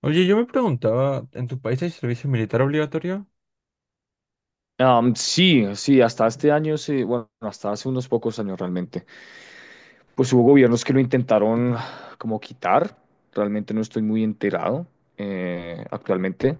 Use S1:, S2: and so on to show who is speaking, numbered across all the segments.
S1: Oye, yo me preguntaba, ¿en tu país hay servicio militar obligatorio?
S2: Sí, sí, hasta este año, bueno, hasta hace unos pocos años realmente, pues hubo gobiernos que lo intentaron como quitar. Realmente no estoy muy enterado actualmente,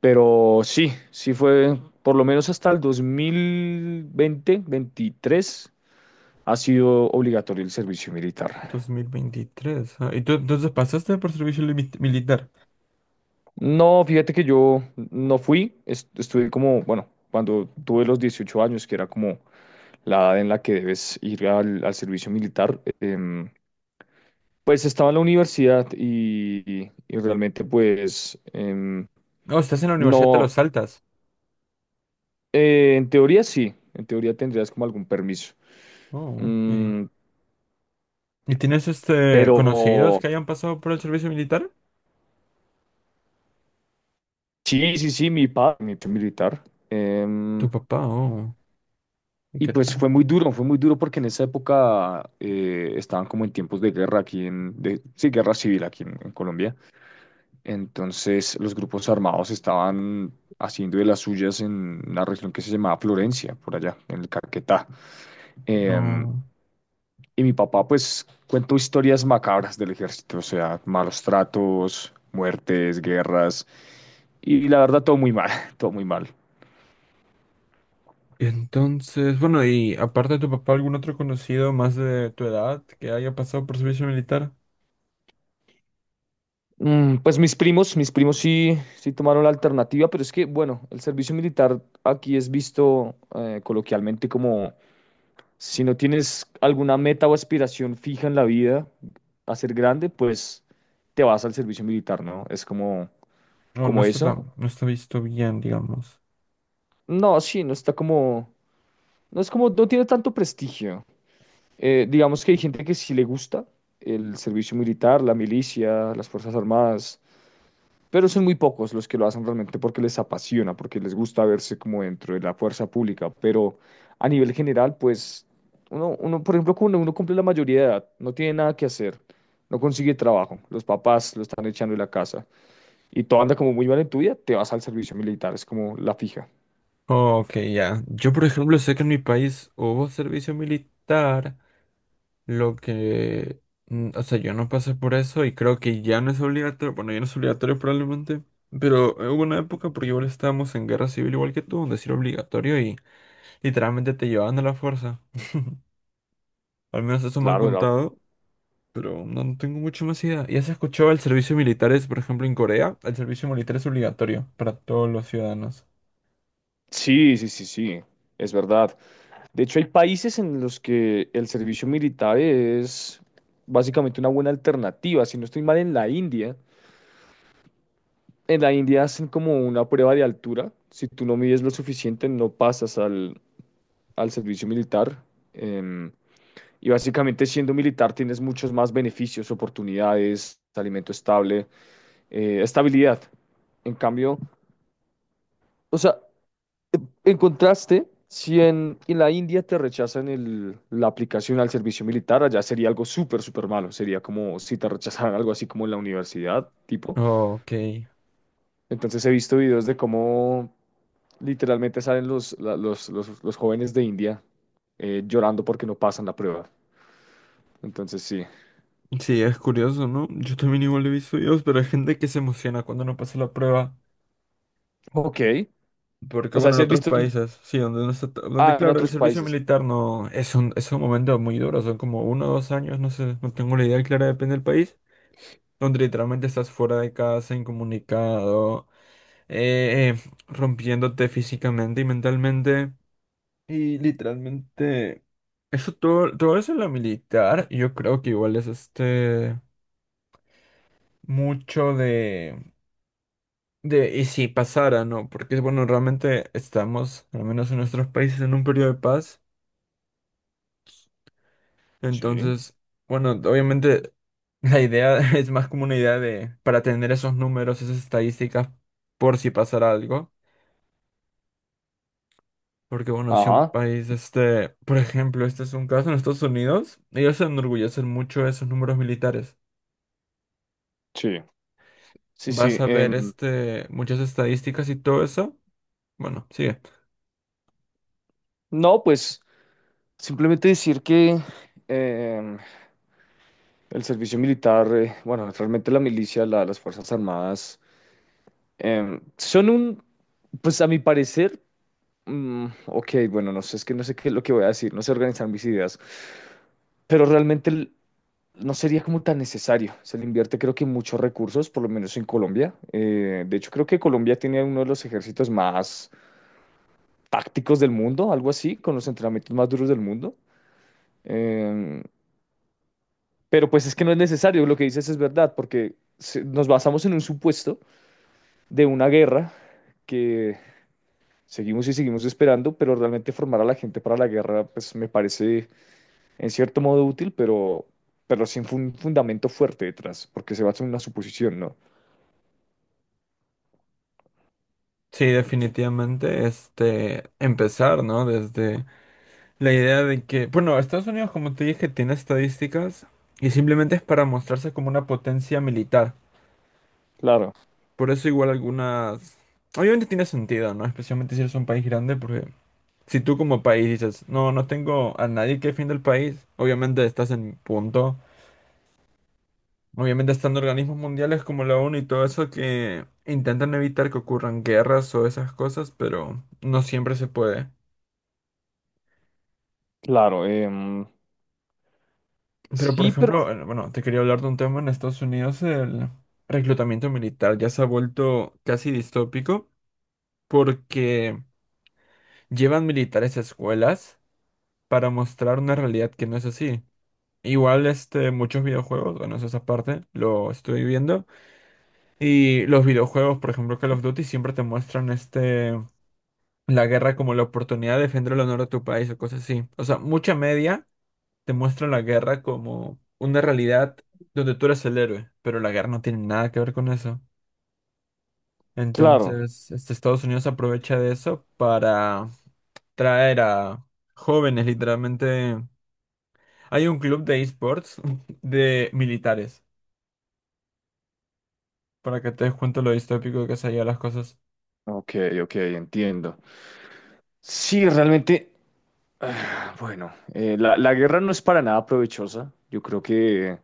S2: pero sí, sí fue, por lo menos hasta el 2020, 23, ha sido obligatorio el servicio militar.
S1: 2023. Ah, ¿y tú entonces pasaste por militar?
S2: No, fíjate que yo no fui, estuve como, bueno, cuando tuve los 18 años, que era como la edad en la que debes ir al, al servicio militar. Pues estaba en la universidad y realmente pues
S1: No, estás en la universidad, te
S2: no,
S1: lo saltas.
S2: en teoría sí, en teoría tendrías como algún permiso.
S1: Oh, ok.
S2: Mm,
S1: ¿Y tienes
S2: pero
S1: conocidos que hayan pasado por el servicio militar?
S2: sí, sí, sí, mi padre militar.
S1: Tu
S2: em,
S1: papá, oh. ¿Y
S2: y
S1: qué?
S2: pues fue muy duro porque en esa época estaban como en tiempos de guerra aquí en, de, sí, guerra civil aquí en Colombia. Entonces los grupos armados estaban haciendo de las suyas en una región que se llamaba Florencia, por allá, en el Caquetá. Em,
S1: No.
S2: y mi papá pues cuento historias macabras del ejército, o sea, malos tratos, muertes, guerras, y la verdad todo muy mal, todo muy mal.
S1: Y entonces, bueno, y aparte de tu papá, ¿algún otro conocido más de tu edad que haya pasado por servicio militar?
S2: Mm, pues mis primos sí, sí tomaron la alternativa, pero es que, bueno, el servicio militar aquí es visto coloquialmente como si no tienes alguna meta o aspiración fija en la vida a ser grande, pues te vas al servicio militar, ¿no? Es como,
S1: No,
S2: como eso.
S1: no está visto bien, digamos.
S2: No, sí, no está como... No es como, no tiene tanto prestigio. Digamos que hay gente que sí le gusta el servicio militar, la milicia, las Fuerzas Armadas, pero son muy pocos los que lo hacen realmente porque les apasiona, porque les gusta verse como dentro de la fuerza pública. Pero a nivel general, pues, uno, por ejemplo, cuando uno cumple la mayoría de edad, no tiene nada que hacer, no consigue trabajo, los papás lo están echando de la casa y todo anda como muy mal en tu vida, te vas al servicio militar, es como la fija.
S1: Oh, ok, ya. Yo, por ejemplo, sé que en mi país hubo servicio militar, lo que... o sea, yo no pasé por eso y creo que ya no es obligatorio, bueno, ya no es obligatorio probablemente, pero hubo una época, porque igual estábamos en guerra civil igual que tú, donde sí era obligatorio y literalmente te llevaban a la fuerza. Al menos eso me han
S2: Claro,
S1: contado, pero no tengo mucho más idea. ¿Ya se escuchó el servicio militar es, por ejemplo, en Corea? El servicio militar es obligatorio para todos los ciudadanos.
S2: sí, sí, sí, sí, es verdad. De hecho, hay países en los que el servicio militar es básicamente una buena alternativa. Si no estoy mal, en la India hacen como una prueba de altura. Si tú no mides lo suficiente, no pasas al, al servicio militar. Em, y básicamente siendo militar tienes muchos más beneficios, oportunidades, alimento estable, estabilidad. En cambio, o sea, en contraste, si en, en la India te rechazan la aplicación al servicio militar, allá sería algo súper, súper malo. Sería como si te rechazaran algo así como en la universidad, tipo.
S1: Ok.
S2: Entonces he visto videos de cómo literalmente salen los, los, los jóvenes de India llorando porque no pasan la prueba. Entonces sí.
S1: Sí, es curioso, ¿no? Yo también igual he visto videos, pero hay gente que se emociona cuando no pasa la prueba.
S2: Ok.
S1: Porque
S2: O sea,
S1: bueno, en
S2: si has
S1: otros
S2: visto...
S1: países, sí, donde
S2: Ah, en
S1: claro, el
S2: otros
S1: servicio
S2: países.
S1: militar no es un, es un momento muy duro, son como uno o dos años, no sé, no tengo la idea clara, depende del país, donde literalmente estás fuera de casa, incomunicado, rompiéndote físicamente y mentalmente. Y literalmente, eso todo eso en la militar, yo creo que igual es mucho de. De, y si pasara, ¿no? Porque, bueno, realmente estamos, al menos en nuestros países, en un periodo de paz.
S2: Sí.
S1: Entonces, bueno, obviamente la idea es más como una idea de, para tener esos números, esas estadísticas, por si pasara algo. Porque, bueno, si un
S2: Ajá.
S1: país, por ejemplo, este es un caso en Estados Unidos, ellos se enorgullecen mucho de esos números militares.
S2: Sí. Sí,
S1: Vas
S2: sí.
S1: a ver, muchas estadísticas y todo eso. Bueno, sigue.
S2: No, pues simplemente decir que em, el servicio militar, bueno, realmente la milicia, las Fuerzas Armadas, son un, pues a mi parecer, mm, ok, bueno, no sé, es que no sé qué es lo que voy a decir, no sé organizar mis ideas, pero realmente no sería como tan necesario. Se le invierte creo que muchos recursos, por lo menos en Colombia. De hecho, creo que Colombia tiene uno de los ejércitos más tácticos del mundo, algo así, con los entrenamientos más duros del mundo. em, Pero pues es que no es necesario, lo que dices es verdad, porque nos basamos en un supuesto de una guerra que seguimos y seguimos esperando, pero realmente formar a la gente para la guerra, pues me parece en cierto modo útil, pero sin un fundamento fuerte detrás, porque se basa en una suposición, ¿no?
S1: Sí, definitivamente, empezar, ¿no? Desde la idea de que, bueno, Estados Unidos, como te dije, tiene estadísticas y simplemente es para mostrarse como una potencia militar.
S2: Claro,
S1: Por eso igual algunas... Obviamente tiene sentido, ¿no? Especialmente si eres un país grande, porque si tú como país dices, no, no tengo a nadie que defienda el país, obviamente estás en punto. Obviamente están organismos mundiales como la ONU y todo eso que intentan evitar que ocurran guerras o esas cosas, pero no siempre se puede.
S2: claro,
S1: Pero, por
S2: sí, pero
S1: ejemplo, bueno, te quería hablar de un tema en Estados Unidos, el reclutamiento militar ya se ha vuelto casi distópico porque llevan militares a escuelas para mostrar una realidad que no es así. Igual, muchos videojuegos, bueno, eso es aparte, lo estoy viendo. Y los videojuegos, por ejemplo, Call of Duty, siempre te muestran la guerra como la oportunidad de defender el honor de tu país o cosas así. O sea, mucha media te muestra la guerra como una realidad donde tú eres el héroe, pero la guerra no tiene nada que ver con eso.
S2: claro.
S1: Entonces, Estados Unidos aprovecha de eso para traer a jóvenes, literalmente. Hay un club de esports de militares, para que te des cuenta lo distópico que se llevan las cosas.
S2: Ok, ok, entiendo. Sí, realmente, ah, bueno, la guerra no es para nada provechosa. Yo creo que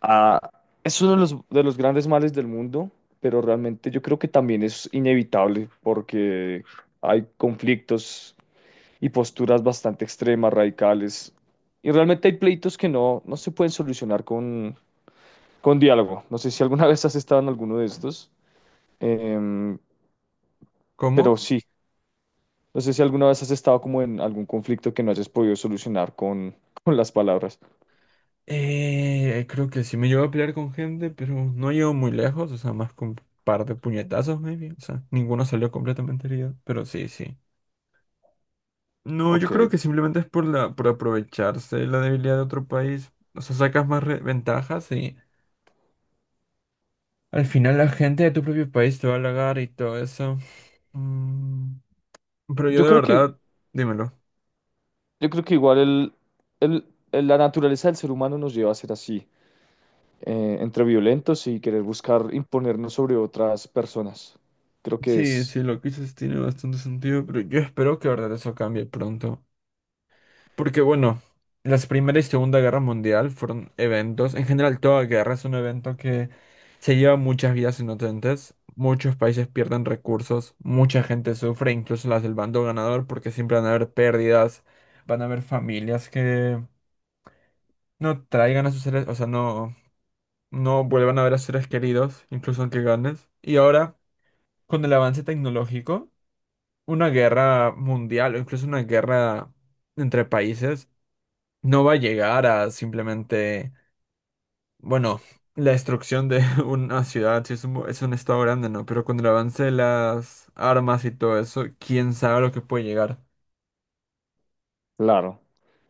S2: ah, es uno de los grandes males del mundo, pero realmente yo creo que también es inevitable porque hay conflictos y posturas bastante extremas, radicales, y realmente hay pleitos que no, no se pueden solucionar con diálogo. No sé si alguna vez has estado en alguno de estos, em, pero
S1: ¿Cómo?
S2: sí, no sé si alguna vez has estado como en algún conflicto que no hayas podido solucionar con, con las palabras.
S1: Creo que sí me llevo a pelear con gente, pero no llego muy lejos, o sea, más con un par de puñetazos, maybe. O sea, ninguno salió completamente herido, pero sí, sí. No, yo creo
S2: Ok.
S1: que simplemente es por por aprovecharse de la debilidad de otro país. O sea, sacas más ventajas y al final la gente de tu propio país te va a halagar y todo eso. Mm, pero yo
S2: Yo
S1: de
S2: creo que
S1: verdad, dímelo.
S2: Yo creo que igual el, el- la naturaleza del ser humano nos lleva a ser así, entre violentos y querer buscar imponernos sobre otras personas. Creo que
S1: Sí,
S2: es
S1: sí, lo que dices tiene bastante sentido, pero yo espero que de verdad eso cambie pronto. Porque bueno, las Primera y Segunda Guerra Mundial fueron eventos, en general toda guerra es un evento que se lleva muchas vidas inocentes, muchos países pierden recursos, mucha gente sufre, incluso las del bando ganador, porque siempre van a haber pérdidas, van a haber familias que no traigan a sus seres, o sea, no vuelvan a ver a sus seres queridos, incluso aunque ganes. Y ahora, con el avance tecnológico, una guerra mundial o incluso una guerra entre países no va a llegar a simplemente, bueno, la destrucción de una ciudad, si es es un estado grande, ¿no? Pero con el avance de las armas y todo eso, quién sabe lo que puede llegar.
S2: claro.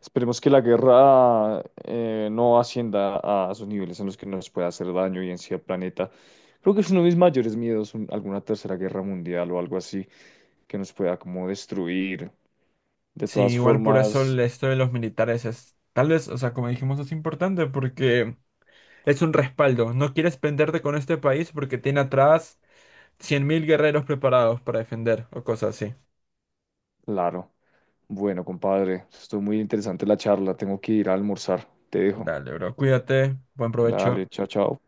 S2: Esperemos que la guerra no ascienda a esos niveles en los que nos pueda hacer daño y en sí al planeta. Creo que es uno de mis mayores miedos, alguna tercera guerra mundial o algo así que nos pueda como destruir. De
S1: Sí,
S2: todas
S1: igual por eso
S2: formas.
S1: esto de los militares es, tal vez, o sea, como dijimos, es importante porque es un respaldo. No quieres penderte con este país porque tiene atrás 100.000 guerreros preparados para defender o cosas así.
S2: Claro. Bueno, compadre, estuvo muy interesante la charla. Tengo que ir a almorzar. Te dejo.
S1: Dale, bro, cuídate, buen
S2: Dale,
S1: provecho.
S2: chao, chao.